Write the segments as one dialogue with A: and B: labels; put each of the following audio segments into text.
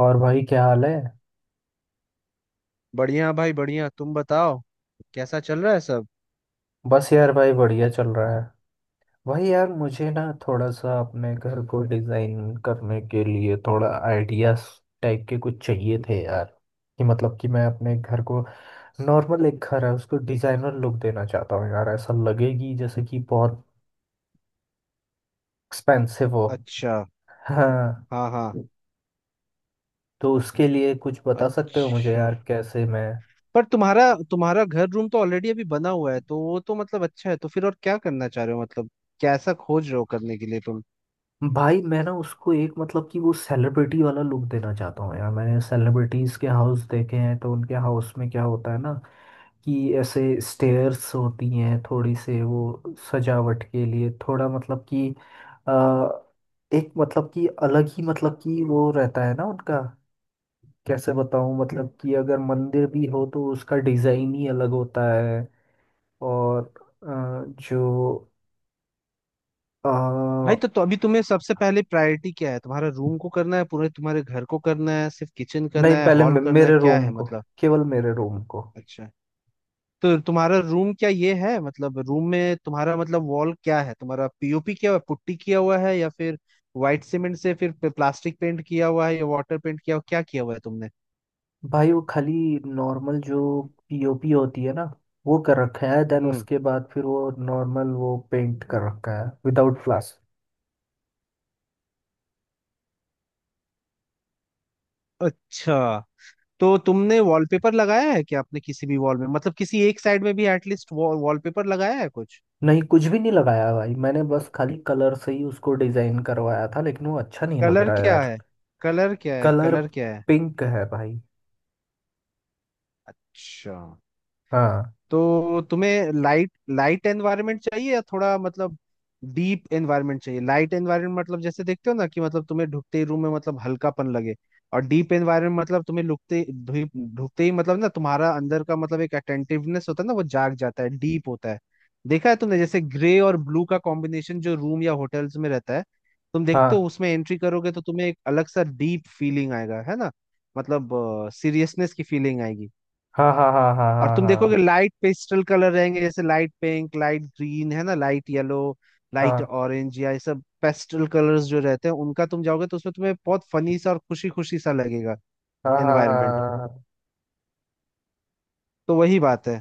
A: और भाई क्या हाल है।
B: बढ़िया भाई बढ़िया। तुम बताओ कैसा चल रहा है सब?
A: बस यार भाई बढ़िया चल रहा है। भाई यार मुझे ना थोड़ा सा अपने घर को डिजाइन करने के लिए थोड़ा आइडियाज टाइप के कुछ चाहिए थे यार। कि मतलब कि मैं अपने घर को, नॉर्मल एक घर है, उसको डिजाइनर लुक देना चाहता हूँ यार। ऐसा लगेगी जैसे कि बहुत एक्सपेंसिव हो।
B: अच्छा।
A: हाँ।
B: हाँ हाँ।
A: तो उसके लिए कुछ बता सकते हो मुझे
B: अच्छा।
A: यार, कैसे मैं।
B: पर तुम्हारा तुम्हारा घर रूम तो ऑलरेडी अभी बना हुआ है, तो वो तो मतलब अच्छा है, तो फिर और क्या करना चाह रहे हो मतलब? कैसा खोज रहे हो करने के लिए तुम?
A: भाई मैं ना उसको एक, मतलब कि वो सेलिब्रिटी वाला लुक देना चाहता हूँ यार। मैंने सेलिब्रिटीज के हाउस देखे हैं तो उनके हाउस में क्या होता है ना, कि ऐसे स्टेयर्स होती हैं थोड़ी से, वो सजावट के लिए थोड़ा, मतलब कि अ, एक, मतलब कि अलग ही, मतलब कि वो रहता है ना उनका। कैसे बताऊँ, मतलब कि अगर मंदिर भी हो तो उसका डिजाइन ही अलग होता है। और अ, जो
B: भाई तो अभी तुम्हें सबसे पहले प्रायोरिटी क्या है? तुम्हारा रूम को करना है, पूरे तुम्हारे घर को करना है, सिर्फ किचन करना
A: नहीं,
B: है,
A: पहले
B: हॉल करना है,
A: मेरे
B: क्या
A: रोम
B: है
A: को,
B: मतलब?
A: केवल मेरे रोम को।
B: अच्छा। तो तुम्हारा रूम क्या ये है मतलब, रूम में तुम्हारा मतलब वॉल क्या है तुम्हारा? पीओपी क्या हुआ, पुट्टी किया हुआ है, या फिर व्हाइट सीमेंट से फिर प्लास्टिक पेंट किया हुआ है, या वाटर पेंट किया हुआ, क्या किया हुआ है तुमने?
A: भाई वो खाली नॉर्मल जो पीओपी होती है ना वो कर रखा है, देन
B: हम्म।
A: उसके बाद फिर वो नॉर्मल वो पेंट कर रखा है विदाउट फ्लास।
B: अच्छा। तो तुमने वॉलपेपर लगाया है क्या? आपने किसी भी वॉल में मतलब किसी एक साइड में भी एटलीस्ट वॉलपेपर लगाया है कुछ?
A: नहीं, कुछ भी नहीं लगाया भाई। मैंने बस खाली कलर से ही उसको डिजाइन करवाया था, लेकिन वो अच्छा नहीं लग
B: कलर
A: रहा है
B: क्या
A: यार।
B: है? कलर क्या है?
A: कलर
B: कलर क्या है?
A: पिंक है भाई।
B: अच्छा।
A: हाँ।
B: तो तुम्हें लाइट लाइट एनवायरनमेंट चाहिए या थोड़ा मतलब डीप एनवायरनमेंट चाहिए? लाइट एनवायरनमेंट मतलब जैसे देखते हो ना कि मतलब तुम्हें ढुकते ही रूम में मतलब हल्कापन लगे। और डीप एनवायरनमेंट मतलब तुम्हें लुकते ढुकते ही मतलब ना तुम्हारा अंदर का मतलब एक अटेंटिवनेस होता है ना, वो जाग जाता है, डीप होता है। देखा है तुमने जैसे ग्रे और ब्लू का कॉम्बिनेशन जो रूम या होटल्स में रहता है, तुम देखते हो
A: हाँ,
B: उसमें एंट्री करोगे तो तुम्हें एक अलग सा डीप फीलिंग आएगा, है ना? मतलब सीरियसनेस की फीलिंग आएगी।
A: हाँ, हाँ, हाँ, हाँ।
B: और तुम देखोगे
A: हाँ,
B: लाइट पेस्टल कलर रहेंगे जैसे लाइट पिंक, लाइट ग्रीन, है ना, लाइट येलो, लाइट
A: हाँ,
B: ऑरेंज, या ये सब पेस्टल कलर्स जो रहते हैं, उनका तुम जाओगे तो उसमें तुम्हें बहुत फनी सा और खुशी खुशी सा लगेगा
A: हाँ, हाँ, हाँ।
B: एनवायरनमेंट।
A: हाँ, हाँ
B: तो वही बात है।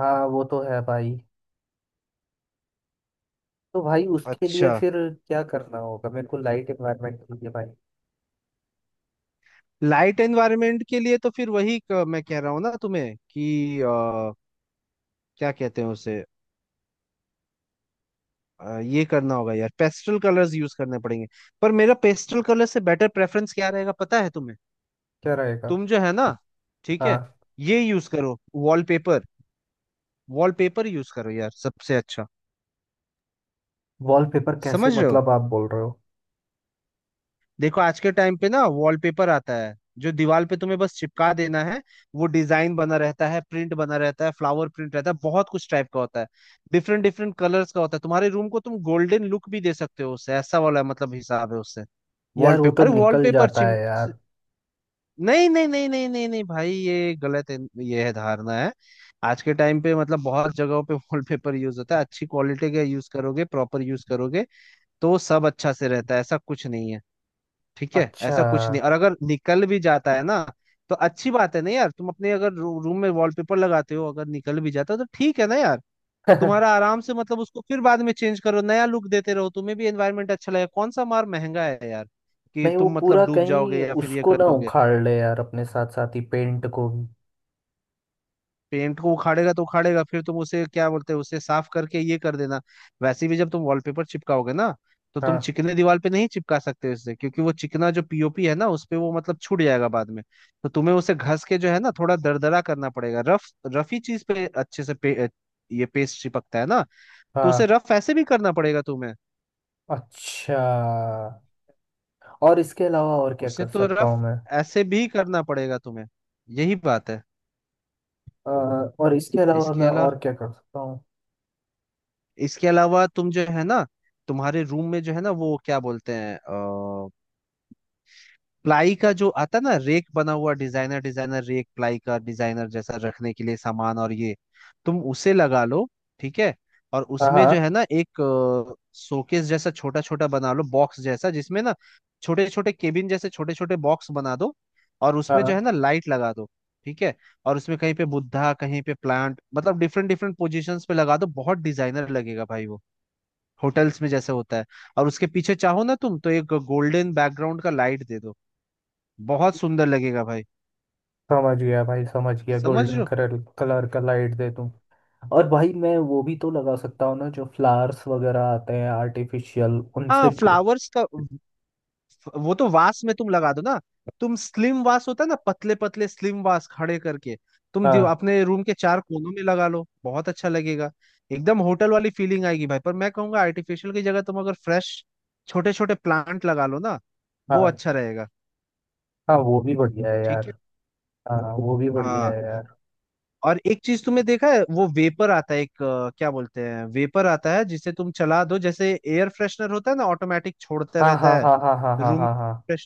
A: हाँ, वो तो है भाई। तो भाई उसके लिए
B: अच्छा।
A: फिर क्या करना होगा, मेरे को लाइट एनवायरनमेंट चाहिए भाई।
B: लाइट एनवायरनमेंट के लिए तो फिर वही मैं कह रहा हूँ ना तुम्हें कि क्या कहते हैं उसे, ये करना होगा यार, पेस्टल कलर्स यूज करने पड़ेंगे। पर मेरा पेस्टल कलर से बेटर प्रेफरेंस क्या रहेगा पता है तुम्हें?
A: क्या रहेगा?
B: तुम जो है ना, ठीक है,
A: हाँ।
B: ये यूज करो वॉलपेपर। वॉलपेपर यूज करो यार, सबसे अच्छा।
A: वॉलपेपर कैसे
B: समझ रहे हो?
A: मतलब, आप बोल रहे हो?
B: देखो आज के टाइम पे ना वॉलपेपर आता है जो दीवार पे तुम्हें बस चिपका देना है। वो डिजाइन बना रहता है, प्रिंट बना रहता है, फ्लावर प्रिंट रहता है, बहुत कुछ टाइप का होता है। डिफरेंट डिफरेंट कलर्स का होता है। तुम्हारे रूम को तुम गोल्डन लुक भी दे सकते हो उससे, ऐसा वाला मतलब हिसाब है उससे।
A: यार वो तो
B: वॉलपेपर, अरे
A: निकल
B: वॉलपेपर
A: जाता
B: चिम,
A: है यार।
B: नहीं नहीं नहीं नहीं नहीं नहीं भाई, ये गलत है। ये है, धारणा है। आज के टाइम पे मतलब बहुत जगहों पे वॉलपेपर यूज होता है। अच्छी क्वालिटी का यूज करोगे, प्रॉपर यूज करोगे, तो सब अच्छा से रहता है। ऐसा कुछ नहीं है, ठीक है,
A: अच्छा।
B: ऐसा कुछ नहीं। और अगर निकल भी जाता है ना, तो अच्छी बात है ना यार। तुम अपने अगर रूम में वॉलपेपर लगाते हो, अगर निकल भी जाता है तो ठीक है ना यार। तुम्हारा आराम से मतलब उसको फिर बाद में चेंज करो, नया लुक देते रहो, तुम्हें भी एनवायरनमेंट अच्छा लगेगा। कौन सा मार महंगा है यार कि
A: नहीं वो
B: तुम
A: पूरा
B: मतलब डूब जाओगे
A: कहीं
B: या फिर ये
A: उसको
B: कर
A: ना
B: लोगे?
A: उखाड़ ले यार, अपने साथ साथ ही पेंट को भी।
B: पेंट को उखाड़ेगा तो उखाड़ेगा, फिर तुम उसे क्या बोलते हैं, उसे साफ करके ये कर देना। वैसे भी जब तुम वॉलपेपर चिपकाओगे ना, तो तुम
A: हाँ।
B: चिकने दीवार पे नहीं चिपका सकते उससे, क्योंकि वो चिकना जो पीओपी है ना उस पे वो मतलब छूट जाएगा बाद में। तो तुम्हें उसे घस के जो है ना थोड़ा दरदरा करना पड़ेगा, रफ। रफ ही चीज पे अच्छे से ये पेस्ट चिपकता है ना। तो उसे
A: हाँ।
B: रफ ऐसे भी करना पड़ेगा तुम्हें।
A: अच्छा, और इसके अलावा और क्या
B: उसे
A: कर
B: तो
A: सकता
B: रफ
A: हूँ मैं?
B: ऐसे भी करना पड़ेगा तुम्हें, यही बात है।
A: अ, और इसके अलावा
B: इसके
A: मैं
B: अलावा,
A: और क्या कर सकता हूँ?
B: इसके अलावा तुम जो है ना, तुम्हारे रूम में जो है ना वो क्या बोलते हैं, प्लाई का जो आता ना, रेक बना हुआ डिजाइनर डिजाइनर रेक, प्लाई का डिजाइनर, जैसा रखने के लिए सामान और ये, तुम उसे लगा लो। ठीक है। और
A: हाँ,
B: उसमें जो
A: हाँ।
B: है ना एक शोकेस जैसा छोटा छोटा बना लो, बॉक्स जैसा जिसमें ना छोटे छोटे केबिन जैसे छोटे छोटे बॉक्स बना दो, और उसमें जो है
A: हाँ।
B: ना लाइट लगा दो। ठीक है। और उसमें कहीं पे बुद्धा, कहीं पे प्लांट, मतलब डिफरेंट डिफरेंट पोजीशंस पे लगा दो, बहुत डिजाइनर लगेगा भाई वो। होटल्स में जैसे होता है। और उसके पीछे चाहो ना तुम तो एक गोल्डन बैकग्राउंड का लाइट दे दो, बहुत सुंदर लगेगा भाई।
A: समझ गया भाई, समझ गया।
B: समझ रहे
A: गोल्डन
B: हो?
A: कलर कलर का लाइट दे दूं। और भाई मैं वो भी तो लगा सकता हूँ ना, जो फ्लावर्स वगैरह आते हैं आर्टिफिशियल,
B: हाँ
A: उनसे।
B: फ्लावर्स का वो तो वास में तुम लगा दो ना। तुम स्लिम वास होता है ना, पतले पतले स्लिम वास खड़े करके तुम
A: हाँ।
B: अपने रूम के चार कोनों में लगा लो, बहुत अच्छा लगेगा। एकदम होटल वाली फीलिंग आएगी भाई। पर मैं कहूंगा आर्टिफिशियल की जगह तुम अगर फ्रेश छोटे छोटे प्लांट लगा लो ना, वो
A: हाँ,
B: अच्छा रहेगा।
A: हाँ। वो भी बढ़िया है यार।
B: ठीक है।
A: हाँ, हाँ, वो भी बढ़िया
B: हाँ।
A: है यार।
B: और एक चीज तुमने देखा है, वो वेपर आता है एक, क्या बोलते हैं, वेपर आता है जिसे तुम चला दो, जैसे एयर फ्रेशनर होता है ना, ऑटोमेटिक छोड़ता
A: हाँ,
B: रहता
A: हाँ,
B: है
A: हाँ, हाँ, हाँ, हाँ,
B: रूम
A: हाँ, हाँ।
B: में।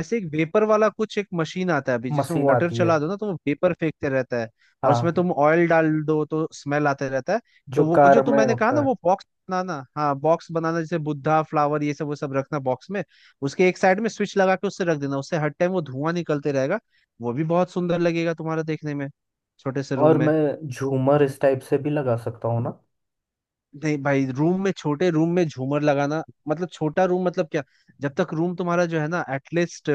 B: ऐसे एक वेपर वाला कुछ एक मशीन आता है अभी, जिसमें
A: मशीन
B: वाटर
A: आती है?
B: चला दो ना तो वो वेपर फेंकते रहता है। और उसमें
A: हाँ।
B: तुम ऑयल डाल दो तो स्मेल आते रहता है।
A: जो
B: तो वो जो
A: कार
B: तुम,
A: में
B: मैंने कहा ना
A: होता है।
B: वो बॉक्स बनाना, हाँ बॉक्स बनाना जैसे बुद्धा फ्लावर ये सब वो सब रखना बॉक्स में, उसके एक साइड में स्विच लगा के उससे रख देना, उससे हर टाइम वो धुआं निकलते रहेगा। वो भी बहुत सुंदर लगेगा तुम्हारा देखने में, छोटे से रूम
A: और
B: में।
A: मैं झूमर इस टाइप से भी लगा सकता हूँ ना?
B: नहीं भाई रूम में, छोटे रूम में झूमर लगाना मतलब, छोटा रूम मतलब क्या? जब तक रूम तुम्हारा जो है ना एटलीस्ट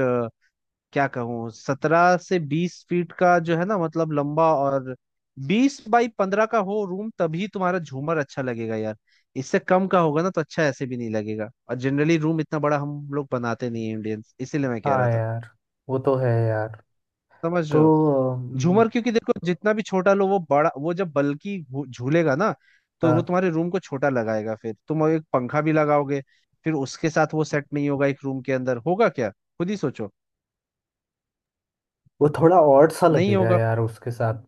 B: क्या कहूँ 17 से 20 फीट का जो है ना मतलब लंबा, और 20 बाई 15 का हो रूम तभी तुम्हारा झूमर अच्छा लगेगा यार। इससे कम का होगा ना तो अच्छा ऐसे भी नहीं लगेगा, और जनरली रूम इतना बड़ा हम लोग बनाते नहीं है इंडियंस, इसीलिए मैं कह रहा
A: हाँ
B: था।
A: यार, वो तो है यार।
B: समझ
A: तो
B: रहे हो?
A: अम,
B: झूमर क्योंकि देखो जितना भी छोटा लो वो बड़ा, वो जब बल्कि झूलेगा ना, तो वो
A: हाँ
B: तुम्हारे रूम को छोटा लगाएगा। फिर तुम एक पंखा भी लगाओगे, फिर उसके साथ वो सेट नहीं होगा एक रूम के अंदर, होगा क्या खुद ही सोचो,
A: वो थोड़ा और सा
B: नहीं
A: लगेगा
B: होगा।
A: यार उसके साथ।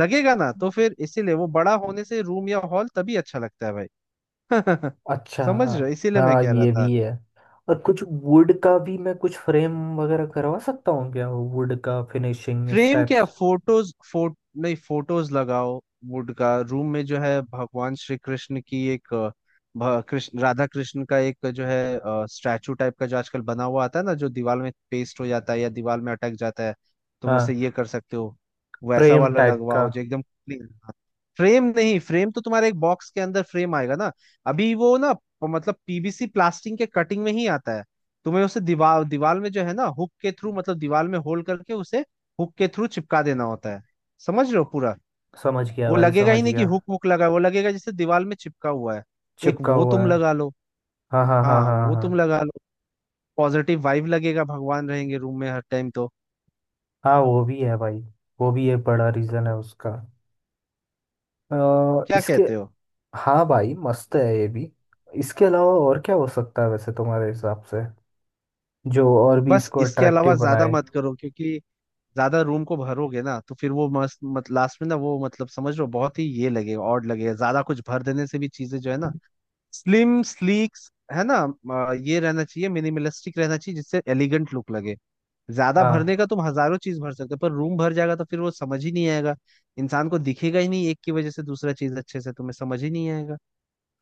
B: लगेगा ना, तो फिर इसीलिए वो बड़ा होने से रूम या हॉल तभी अच्छा लगता है भाई।
A: अच्छा।
B: समझ रहे हो? इसीलिए मैं
A: हाँ
B: कह रहा
A: ये
B: था।
A: भी है। और कुछ वुड का भी मैं कुछ फ्रेम वगैरह करवा सकता हूँ क्या, वो वुड का फिनिशिंग
B: फ्रेम क्या,
A: स्टेप्स?
B: फोटोज, फोट नहीं फोटोज लगाओ। वुड का रूम में जो है भगवान श्री कृष्ण की एक, कृष्ण, राधा कृष्ण का एक जो है स्टैचू टाइप का जो आजकल बना हुआ आता है ना, जो दीवार में पेस्ट हो जाता है या दीवार में अटक जाता है, तुम
A: हाँ।
B: ऐसे ये कर सकते हो। वैसा
A: फ्रेम
B: वाला
A: टाइप का?
B: लगवाओ जो एकदम क्लीन। फ्रेम नहीं, फ्रेम तो तुम्हारे एक बॉक्स के अंदर फ्रेम आएगा ना। अभी वो ना मतलब पीवीसी प्लास्टिक के कटिंग में ही आता है। तुम्हें उसे दीवार दीवार में जो है ना हुक के थ्रू, मतलब दीवार में होल करके उसे हुक के थ्रू चिपका देना होता है। समझ रहे हो पूरा?
A: समझ गया
B: वो
A: भाई,
B: लगेगा ही
A: समझ
B: नहीं कि
A: गया।
B: हुक हुक लगा है, वो लगेगा जैसे दीवार में चिपका हुआ है। एक
A: चिपका
B: वो
A: हुआ
B: तुम
A: है।
B: लगा लो।
A: हाँ, हाँ, हाँ,
B: हाँ
A: हाँ,
B: वो
A: हाँ।
B: तुम लगा लो, पॉजिटिव वाइब लगेगा, भगवान रहेंगे रूम में हर टाइम तो।
A: हाँ, वो भी है भाई। वो भी एक बड़ा रीज़न है उसका। अ,
B: क्या
A: इसके
B: कहते हो?
A: हाँ भाई मस्त है ये भी। इसके अलावा और क्या हो सकता है वैसे तुम्हारे हिसाब से, जो और भी
B: बस
A: इसको
B: इसके अलावा
A: अट्रैक्टिव
B: ज्यादा
A: बनाए?
B: मत करो, क्योंकि ज्यादा रूम को भरोगे ना तो फिर वो मस्त मत, लास्ट में ना वो मतलब समझ लो बहुत ही ये लगेगा, ऑड लगेगा ज्यादा कुछ भर देने से भी। चीजें जो है ना स्लिम स्लीक, है ना, ये रहना चाहिए, मिनिमलिस्टिक रहना चाहिए जिससे एलिगेंट लुक लगे। ज्यादा
A: हाँ।
B: भरने का तुम हजारों चीज भर सकते हो पर रूम भर जाएगा तो फिर वो समझ ही नहीं आएगा। इंसान को दिखेगा ही नहीं, एक की वजह से दूसरा चीज अच्छे से तुम्हें समझ ही नहीं आएगा।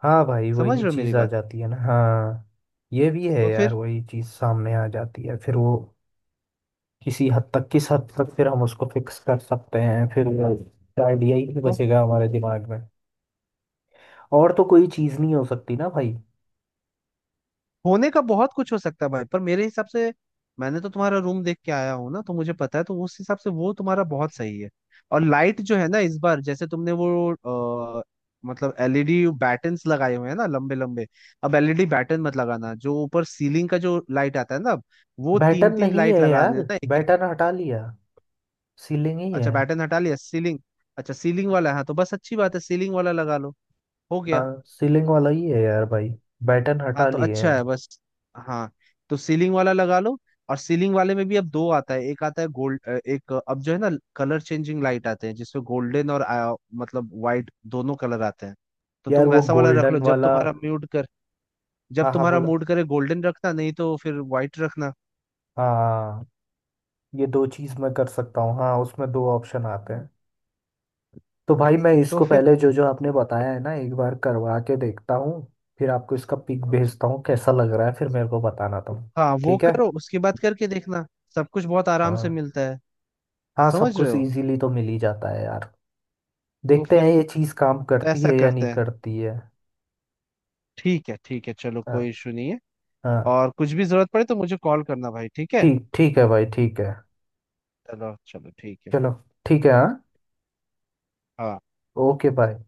A: हाँ भाई,
B: समझ
A: वही
B: रहे हो मेरी
A: चीज़ आ
B: बात?
A: जाती है ना। हाँ ये भी है
B: तो
A: यार,
B: फिर,
A: वही चीज़ सामने आ जाती है फिर वो। किसी हद तक, किस हद तक फिर हम उसको फिक्स कर सकते हैं, फिर वो आइडिया ही नहीं
B: तो
A: बचेगा हमारे दिमाग में। और तो कोई चीज़ नहीं हो सकती ना भाई?
B: होने का बहुत कुछ हो सकता है भाई, पर मेरे हिसाब से मैंने तो तुम्हारा रूम देख के आया हूँ ना तो मुझे पता है, तो उस हिसाब से वो तुम्हारा बहुत सही है। और लाइट जो है ना इस बार जैसे तुमने वो, अ, मतलब एलईडी बैटन्स लगाए हुए हैं ना लंबे लंबे, अब एलईडी बैटन मत लगाना। जो ऊपर सीलिंग का जो लाइट आता है ना अब, वो तीन
A: बैटन
B: तीन
A: नहीं
B: लाइट
A: है
B: लगा
A: यार,
B: देना एक एक।
A: बैटन हटा लिया, सीलिंग ही
B: अच्छा
A: है।
B: बैटन हटा लिया, सीलिंग। अच्छा सीलिंग वाला है, हाँ, तो बस अच्छी बात है, सीलिंग वाला लगा लो, हो गया।
A: हाँ सीलिंग वाला ही है यार भाई, बैटन
B: हाँ
A: हटा
B: तो
A: लिए हैं।
B: अच्छा है बस। हाँ तो सीलिंग वाला लगा लो। और सीलिंग वाले में भी अब दो आता है, एक आता है गोल्ड, एक अब जो है ना कलर चेंजिंग लाइट आते हैं जिसमें गोल्डन और मतलब वाइट दोनों कलर आते हैं। तो
A: यार
B: तुम
A: वो
B: वैसा वाला रख
A: गोल्डन
B: लो जब
A: वाला।
B: तुम्हारा मूड कर, जब
A: हाँ, हाँ,
B: तुम्हारा
A: बोलो।
B: मूड करे गोल्डन रखना, नहीं तो फिर वाइट रखना।
A: हाँ। ये दो चीज़ मैं कर सकता हूँ, हाँ उसमें दो ऑप्शन आते हैं। तो भाई मैं
B: तो
A: इसको
B: फिर
A: पहले जो जो आपने बताया है ना एक बार करवा के देखता हूँ, फिर आपको इसका पिक भेजता हूँ कैसा लग रहा है, फिर मेरे को बताना तुम।
B: हाँ वो
A: ठीक है।
B: करो उसके बाद करके देखना, सब कुछ बहुत आराम से
A: हाँ।
B: मिलता है।
A: हाँ सब
B: समझ रहे
A: कुछ
B: हो?
A: इजीली तो मिल ही जाता है यार।
B: तो
A: देखते हैं
B: फिर
A: ये चीज़ काम करती
B: ऐसा
A: है या नहीं
B: करते हैं।
A: करती है।
B: ठीक है ठीक है, चलो कोई
A: हाँ।
B: इशू नहीं है।
A: हाँ
B: और कुछ भी जरूरत पड़े तो मुझे कॉल करना भाई, ठीक है?
A: ठीक, ठीक है भाई, ठीक है।
B: चलो चलो ठीक है।
A: चलो ठीक है। हाँ।
B: हाँ।
A: Okay bye.